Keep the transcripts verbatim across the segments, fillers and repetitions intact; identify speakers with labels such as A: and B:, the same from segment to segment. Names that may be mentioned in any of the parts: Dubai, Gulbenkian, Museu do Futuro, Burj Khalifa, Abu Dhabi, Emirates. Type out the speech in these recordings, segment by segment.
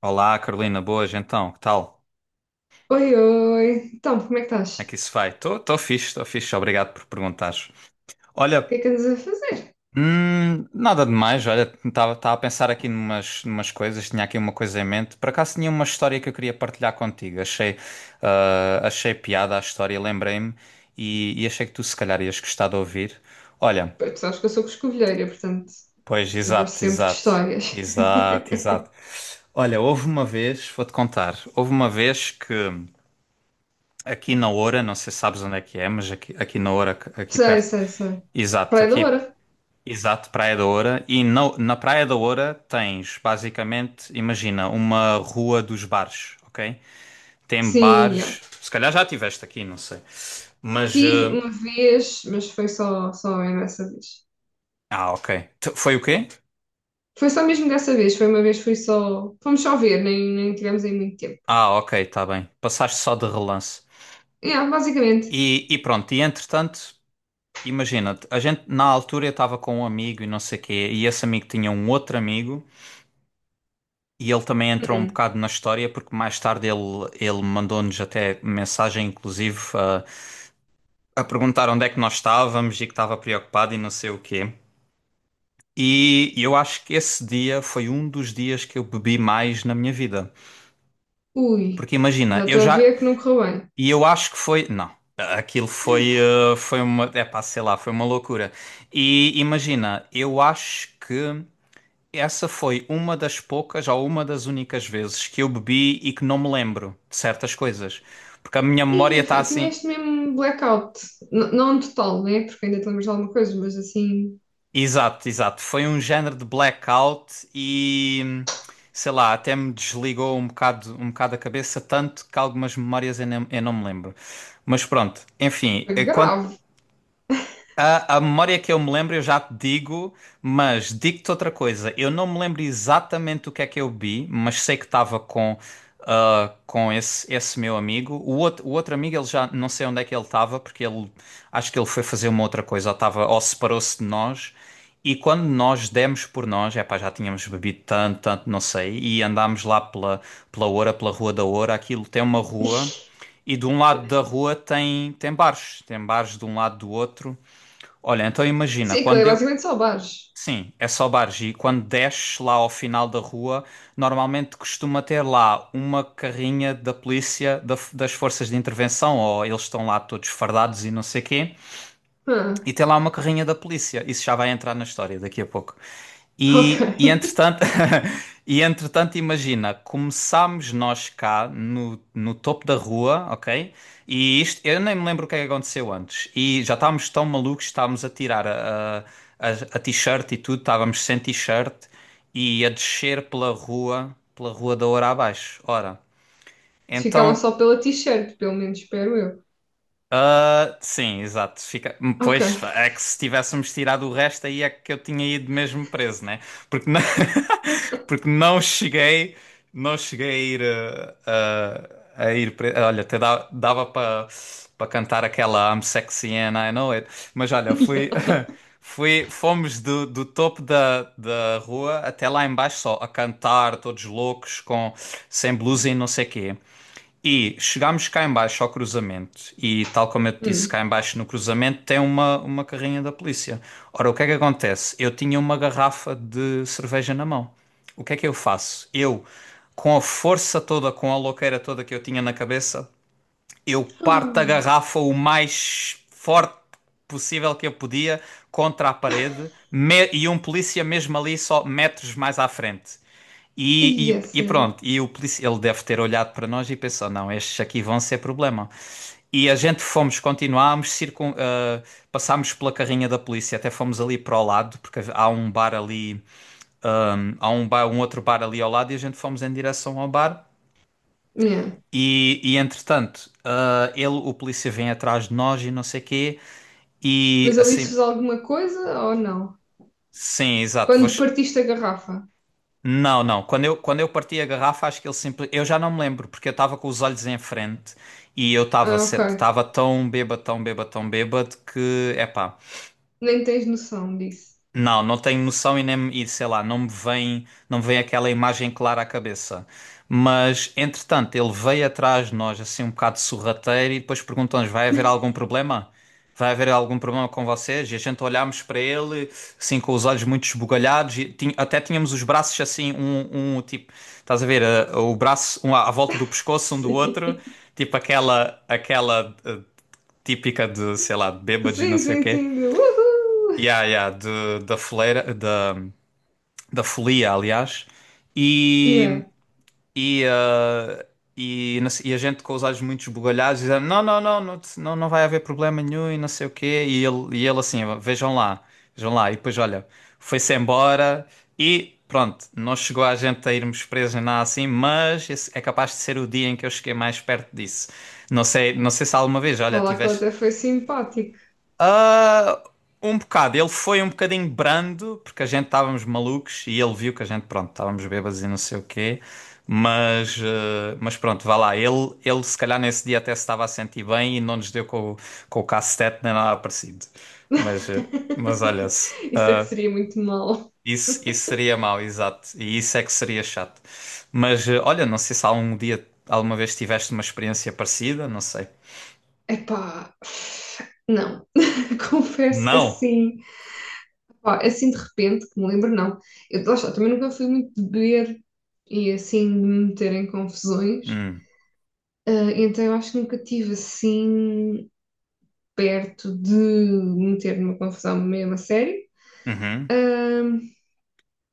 A: Olá, Carolina, boas, então, que tal? Como
B: Oi, oi. Então, como é que estás?
A: é
B: O
A: que isso vai? Estou fixe, estou fixe, obrigado por perguntares. Olha,
B: que é que andas a fazer?
A: hum, nada demais, olha, estava a pensar aqui numas, numas coisas, tinha aqui uma coisa em mente. Por acaso tinha uma história que eu queria partilhar contigo, achei, ah, achei piada a história, lembrei-me e, e achei que tu se calhar ias gostar de ouvir. Olha,
B: Pois, tu sabes que eu sou coscovilheira, portanto,
A: pois,
B: eu gosto
A: exato,
B: sempre de
A: exato,
B: histórias.
A: exato, exato. Olha, houve uma vez, vou-te contar, houve uma vez que. Aqui na Oura, não sei se sabes onde é que é, mas aqui, aqui na Oura, aqui
B: Sei,
A: perto.
B: sei, sei.
A: Exato,
B: Praia da
A: aqui,
B: Oura.
A: exato, Praia da Oura. E na, na Praia da Oura tens, basicamente, imagina, uma rua dos bares, ok? Tem
B: Sim, já.
A: bares, se calhar já tiveste aqui, não sei. Mas,
B: Tive
A: eh,
B: uma vez, mas foi só, só mesmo essa vez.
A: ah, ok. T- Foi o quê?
B: Foi só mesmo dessa vez, foi uma vez, foi só. Fomos só ver, nem, nem tivemos aí muito tempo.
A: Ah, ok, está bem. Passaste só de relance.
B: Yeah, basicamente.
A: E, e pronto, e entretanto, imagina, a gente na altura eu estava com um amigo e não sei o quê, e esse amigo tinha um outro amigo. E ele também entrou um
B: Hum.
A: bocado na história, porque mais tarde ele, ele mandou-nos até mensagem, inclusive, a, a perguntar onde é que nós estávamos e que estava preocupado e não sei o quê. E eu acho que esse dia foi um dos dias que eu bebi mais na minha vida.
B: Ui,
A: Porque imagina,
B: já
A: eu
B: estou a
A: já.
B: ver que não correu bem.
A: E eu acho que foi. Não, aquilo foi. eh, Foi uma. É pá, sei lá, foi uma loucura. E imagina, eu acho que. Essa foi uma das poucas ou uma das únicas vezes que eu bebi e que não me lembro de certas coisas. Porque a minha memória
B: E
A: está
B: enfim,
A: assim.
B: tiveste mesmo blackout. N- não total, né? Porque ainda te lembras de alguma coisa, mas assim,
A: Exato, exato. Foi um género de blackout e sei lá, até me desligou um bocado, um bocado a cabeça, tanto que algumas memórias eu não, eu não me lembro. Mas pronto, enfim,
B: foi
A: enquanto.
B: grave.
A: A, a memória que eu me lembro, eu já te digo, mas digo-te outra coisa. Eu não me lembro exatamente o que é que eu vi, mas sei que estava com, ah, com esse, esse meu amigo. O outro, o outro amigo, ele já não sei onde é que ele estava, porque ele acho que ele foi fazer uma outra coisa, ou, estava- ou separou-se de nós. E quando nós demos por nós, é pá já tínhamos bebido tanto, tanto, não sei, e andámos lá pela, pela Oura, pela Rua da Oura, aquilo tem uma rua. E de um lado da rua tem, tem bares, tem bares de um lado do outro. Olha, então imagina,
B: Sim, aquilo é
A: quando eu.
B: basicamente só bares.
A: Sim, é só bares. E quando desces lá ao final da rua, normalmente costuma ter lá uma carrinha da polícia, da- das forças de intervenção, ou eles estão lá todos fardados e não sei quê.
B: Ah,
A: E tem lá uma carrinha da polícia. Isso já vai entrar na história daqui a pouco.
B: ok.
A: E, e entretanto, e entretanto, imagina, começámos nós cá no, no topo da rua, ok? E isto, eu nem me lembro o que é que aconteceu antes. E já estávamos tão malucos, estávamos a tirar a, a, a a t-shirt e tudo, estávamos sem t-shirt e a descer pela rua, pela rua da hora abaixo. Ora,
B: Ficaram
A: então.
B: só pela t-shirt, pelo menos, espero eu.
A: Ah, sim, exato. Fica... hum,
B: Ok.
A: Pois é que se tivéssemos tirado o resto, aí é que eu tinha ido mesmo preso, né? Porque não, Porque não cheguei, não cheguei a ir ah, a, a ir preso. Olha, até dá- dava para para cantar aquela I'm sexy and I know it. Mas olha,
B: Yeah.
A: fui, fui, fomos do, do topo da, da rua até lá embaixo só a cantar, todos loucos, com sem blusa e não sei quê. E chegámos cá em baixo ao cruzamento e tal como eu te disse, cá
B: Hum.
A: em baixo no cruzamento tem uma, uma carrinha da polícia. Ora, o que é que acontece? Eu tinha uma garrafa de cerveja na mão. O que é que eu faço? Eu, com a força toda, com a louqueira toda que eu tinha na cabeça, eu parto a
B: Ah,
A: garrafa o mais forte possível que eu podia contra a parede me- e um polícia mesmo ali só metros mais à frente. E,
B: yeah,
A: e- e
B: sério.
A: pronto, e o polícia, ele deve ter olhado para nós e pensou, não, estes aqui vão ser problema. E a gente fomos, continuámos, circun, ah, passámos pela carrinha da polícia, até fomos ali para o lado, porque há um bar ali, ah, há um bar, um outro bar ali ao lado, e a gente fomos em direção ao bar.
B: Yeah.
A: E, e entretanto, ah, ele, o polícia vem atrás de nós e não sei quê. E
B: Mas ali se
A: assim,
B: fez alguma coisa ou não?
A: sim, exato.
B: Quando
A: vos-
B: partiste a garrafa?
A: Não, não. Quando eu, quando eu parti a garrafa, acho que ele simplesmente. Eu já não me lembro, porque eu estava com os olhos em frente e eu estava
B: Ah, ok.
A: estava tão bêbado, tão bêbado, tão bêbado que, epá.
B: Nem tens noção disso.
A: Não, não tenho noção e, nem, e sei lá, não me vem, não me vem aquela imagem clara à cabeça. Mas, entretanto, ele veio atrás de nós, assim, um bocado sorrateiro, e depois perguntou-nos: vai haver algum problema? Vai haver algum problema com vocês? E a gente olhámos para ele, assim, com os olhos muito esbugalhados, e tin- até tínhamos os braços assim, um, um tipo, estás a ver, eh, o braço um à à volta do pescoço um do outro,
B: Sim.
A: tipo aquela, aquela eh, típica de, sei lá, de bêbados e não
B: Sim,
A: sei o
B: sim,
A: quê.
B: sim. De uhul!
A: Yeah, yeah, de, da foleira, da da folia, aliás,
B: Yeah.
A: e, e, ah, e, não e a gente com os olhos muito esbugalhados dizendo não, não, não, não, te- não, não vai haver problema nenhum e não sei o quê, e ele, e ele assim, vejam lá, vejam lá, e depois olha, foi-se embora e pronto, não chegou a gente a irmos presos nem nada assim, mas esse é capaz de ser o dia em que eu cheguei mais perto disso. Não sei, não sei se alguma vez, olha,
B: Vá lá que ela
A: tiveste
B: até foi simpática.
A: ah, um bocado. Ele foi um bocadinho brando, porque a gente estávamos malucos e ele viu que a gente, pronto, estávamos bêbados e não sei o quê. Mas, ah, mas pronto, vá lá. Ele, ele se calhar nesse dia até se estava a sentir bem e não nos deu com, o- com o cacete nem nada parecido. Mas, ah, mas olha-se.
B: Isso é que
A: ah,
B: seria muito mal.
A: isso, isso seria mau, exato. E isso é que seria chato. Mas ah, olha, não sei se algum dia, alguma vez tiveste uma experiência parecida, não sei.
B: Epá, não. Confesso que
A: Não.
B: assim, pá, assim de repente, que me lembro, não. Eu, lá está, também nunca fui muito de beber e assim de me meter em confusões.
A: Hum.
B: Ah, então eu acho que nunca tive assim perto de me meter numa confusão mesmo a sério. Ah,
A: Uhum.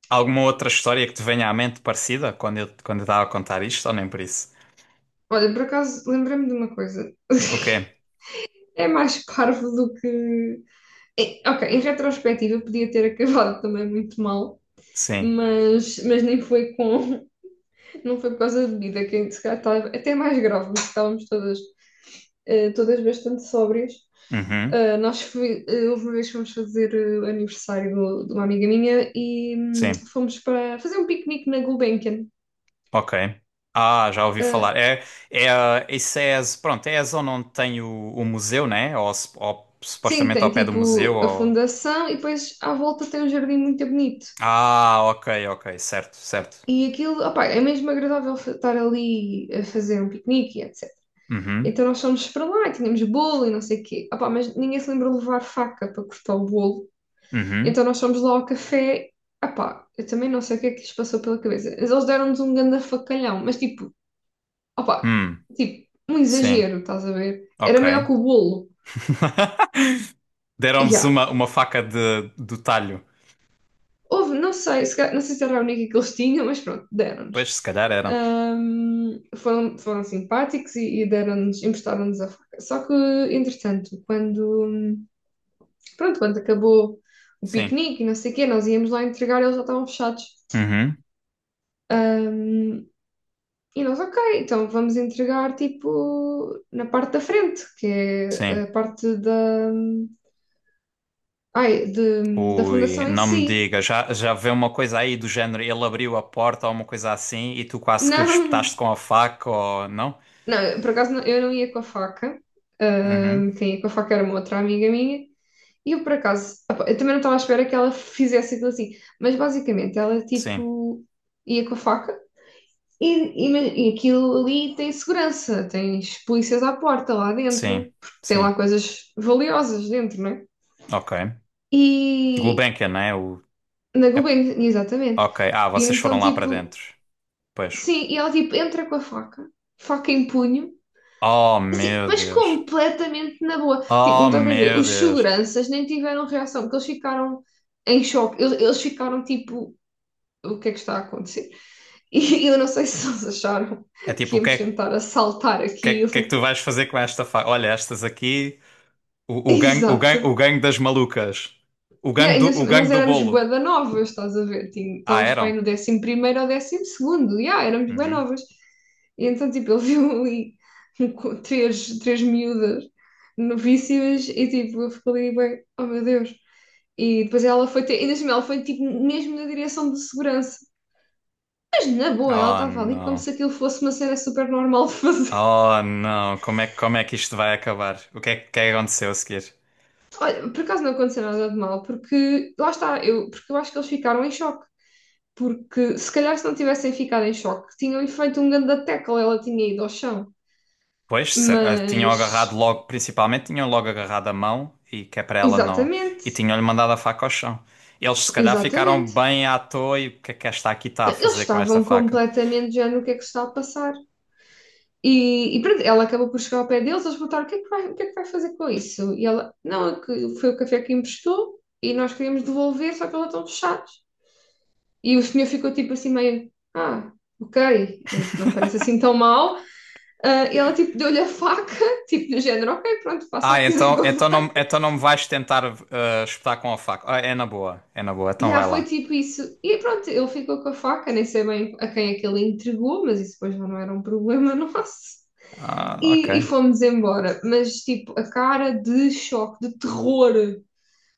A: Alguma outra história que te venha à mente parecida quando eu, quando eu estava a contar isto, ou nem por isso?
B: olha, por acaso, lembrei-me de uma coisa.
A: O quê?
B: É mais parvo do que. É, ok, em retrospectiva podia ter acabado também muito mal,
A: Sim.
B: mas, mas nem foi com. Não foi por causa da bebida, que se calhar estava até mais grave, porque estávamos todas, eh, todas bastante sóbrias.
A: Uhum.
B: Ah, nós fui, eh, houve uma vez que fomos fazer eh, o aniversário do- de uma amiga minha e hum,
A: Sim.
B: fomos para fazer um piquenique na Gulbenkian.
A: Ok. Ah, já ouvi
B: Ah,
A: falar. É, é, a- isso é, a pronto, é a zona onde tem o, o museu, né? Ou, sup- ou
B: sim,
A: supostamente
B: tem
A: ao pé do museu,
B: tipo a
A: ou...
B: fundação e depois à volta tem um jardim muito bonito.
A: Ah, ok, ok. Certo, certo.
B: E aquilo, opá, é mesmo agradável fa- estar ali a fazer um piquenique e etecetera.
A: Uhum.
B: Então nós fomos para lá e tínhamos bolo e não sei o quê. Opá, mas ninguém se lembra de levar faca para cortar o bolo.
A: Uhum.
B: Então nós fomos lá ao café. Opá, eu também não sei o que é que lhes passou pela cabeça. Mas eles deram-nos um ganda facalhão. Mas tipo, opá,
A: Hum.
B: tipo, um
A: Sim.
B: exagero, estás a ver? Era
A: Ok.
B: maior que o bolo. E
A: Deram-vos
B: já.
A: uma, uma faca de, do talho.
B: Houve, não sei, se, ca- não sei se era a única que eles tinham, mas pronto, deram-nos.
A: Pois, se calhar eram.
B: Ahm, foram, foram simpáticos e, e deram-nos, emprestaram-nos a faca. Só que, entretanto, quando, pronto, quando acabou o
A: Sim.
B: piquenique e não sei o quê, nós íamos lá entregar, eles já estavam fechados.
A: Uhum.
B: Ahm, e nós, ok, então vamos entregar, tipo, na parte da frente, que é
A: Sim.
B: a parte da, ai, de- da
A: Ui,
B: fundação em
A: não me
B: si.
A: diga, já, já vê uma coisa aí do género, ele abriu a porta ou uma coisa assim e tu quase que lhe
B: Não,
A: espetaste com a faca ou não?
B: não, eu, por acaso não- eu não ia com a faca.
A: Uhum,
B: Ahm, quem ia com a faca era uma outra amiga minha. E eu, por acaso, opa, eu também não estava à espera que ela fizesse aquilo assim. Mas basicamente ela
A: sim,
B: tipo ia com a faca e, e, ma- e aquilo ali tem segurança, tens polícias à porta lá
A: sim,
B: dentro, porque tem lá
A: sim,
B: coisas valiosas dentro, não é?
A: ok.
B: E
A: Gulbenkian, né? O...
B: na
A: é-
B: Gulbenkian, exatamente.
A: ok, ah,
B: E
A: vocês
B: então
A: foram lá para
B: tipo,
A: dentro, pois.
B: sim, e ela tipo entra com a faca, faca em punho.
A: Oh,
B: Assim,
A: meu
B: mas
A: Deus,
B: completamente na boa. Tipo, não
A: oh,
B: estás bem a ver?
A: meu
B: Os
A: Deus.
B: seguranças nem tiveram reação, porque eles ficaram em choque. Eles, eles ficaram tipo, o que é que está a acontecer? E eu não sei se eles acharam
A: É
B: que
A: tipo, o que
B: íamos
A: é,
B: tentar assaltar
A: que é, que é que
B: aquilo.
A: tu vais fazer com esta faca? Olha, estas aqui, o, o gangue, o gangue,
B: Exato.
A: o gangue das malucas, o
B: E
A: gangue do,
B: ainda assim,
A: o gangue
B: nós
A: do
B: éramos
A: bolo.
B: bué da novas, estás a ver? Tinha-
A: Ah,
B: Estávamos para
A: eram?
B: aí no décimo primeiro ou décimo segundo. Yeah, éramos bué
A: Uhum.
B: novas. E então, tipo, ele viu ali um co- três, três miúdas novíssimas e, tipo, eu fico ali, bem, oh meu Deus. E depois ela foi ter, ainda assim, ela foi tipo mesmo na direção de segurança. Mas na boa, ela
A: Oh
B: estava ali como
A: não.
B: se aquilo fosse uma cena super normal de fazer.
A: Oh não. Como é, que- como é que isto vai acabar? O que é que que é que aconteceu a seguir?
B: Olha, por acaso não aconteceu nada de mal, porque lá está, eu, porque eu acho que eles ficaram em choque. Porque se calhar se não tivessem ficado em choque, tinham-lhe feito um grande tackle, ela tinha ido ao chão.
A: Pois, se- ah, tinham
B: Mas,
A: agarrado logo, principalmente tinham logo agarrado a mão e que é para ela não.
B: exatamente,
A: E tinham-lhe mandado a faca ao chão. Eles se calhar ficaram
B: exatamente.
A: bem à toa e o que é que esta aqui está a
B: Eles
A: fazer com esta
B: estavam
A: faca?
B: completamente já no que é que se está a passar. E, e pronto, ela acabou por chegar ao pé deles, eles perguntaram o que é que vai, o que é que vai fazer com isso? E ela, não, é que foi o café que emprestou e nós queríamos devolver, só que eles estão fechados. E o senhor ficou tipo assim meio, ah, ok, é, isso não me parece assim tão mal. Ah, e ela tipo deu-lhe a faca, tipo do género, ok, pronto, faça o
A: Ah,
B: que quiser
A: então,
B: com a
A: então não,
B: faca.
A: então não me vais tentar ah, espetar com a faca. Ah, é na boa, é na boa, então
B: E ah,
A: vai
B: foi
A: lá.
B: tipo isso. E pronto, ele ficou com a faca, nem sei bem a quem é que ele entregou, mas isso depois já não era um problema nosso.
A: Ah, ok.
B: E, e fomos embora. Mas, tipo, a cara de choque, de terror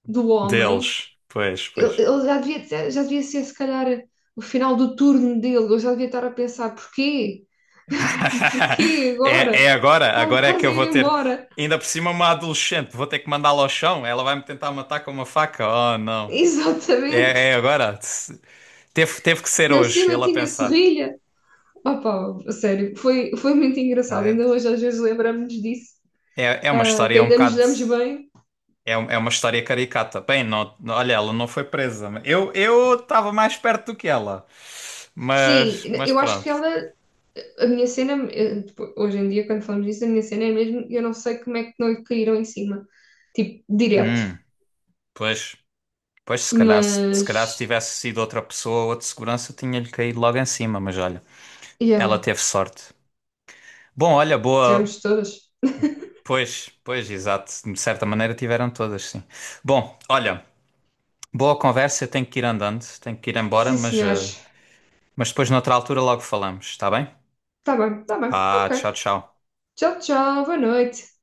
B: do homem,
A: Deles. Pois,
B: ele,
A: pois.
B: ele já devia, ter- já devia ser, se calhar, o final do turno dele. Ele já devia estar a pensar: porquê? Porquê
A: É,
B: agora?
A: é agora,
B: Está-me
A: agora é que
B: quase
A: eu
B: a ir
A: vou ter.
B: embora.
A: Ainda por cima, uma adolescente, vou ter que mandá-la ao chão. Ela vai me tentar matar com uma faca. Oh, não.
B: Exatamente.
A: É, é agora. Teve, teve que ser
B: Ainda por
A: hoje,
B: cima
A: ele a
B: tinha
A: pensar.
B: serrilha. Opa, a sério, foi, foi muito engraçado.
A: Ah,
B: Ainda hoje às vezes lembramos-nos disso,
A: É, é uma
B: ah, que
A: história um
B: ainda nos
A: bocado.
B: damos bem.
A: É, um- é uma história caricata. Bem, não, não- olha, ela não foi presa. Eu eu estava mais perto do que ela.
B: Sim,
A: Mas, mas
B: eu acho que
A: pronto.
B: ela A minha cena, eh, tipo, hoje em dia, quando falamos disso, a minha cena é mesmo, eu não sei como é que não lhe caíram em cima, tipo, direto.
A: Hum, pois, pois se calhar, se, se calhar se
B: Mas,
A: tivesse sido outra pessoa, outro segurança, tinha-lhe caído logo em cima. Mas olha. Ela
B: yeah,
A: teve sorte. Bom, olha, boa.
B: tivemos todas.
A: Pois, pois, exato. De certa maneira tiveram todas, sim. Bom, olha, boa conversa. Eu tenho que ir andando, tenho que ir embora,
B: Sim,
A: mas, eh,
B: senhores.
A: mas depois, noutra altura, logo falamos, está bem?
B: Tá bem, tá bem.
A: Pá,
B: Ok.
A: tchau, tchau.
B: Tchau, tchau. Boa noite.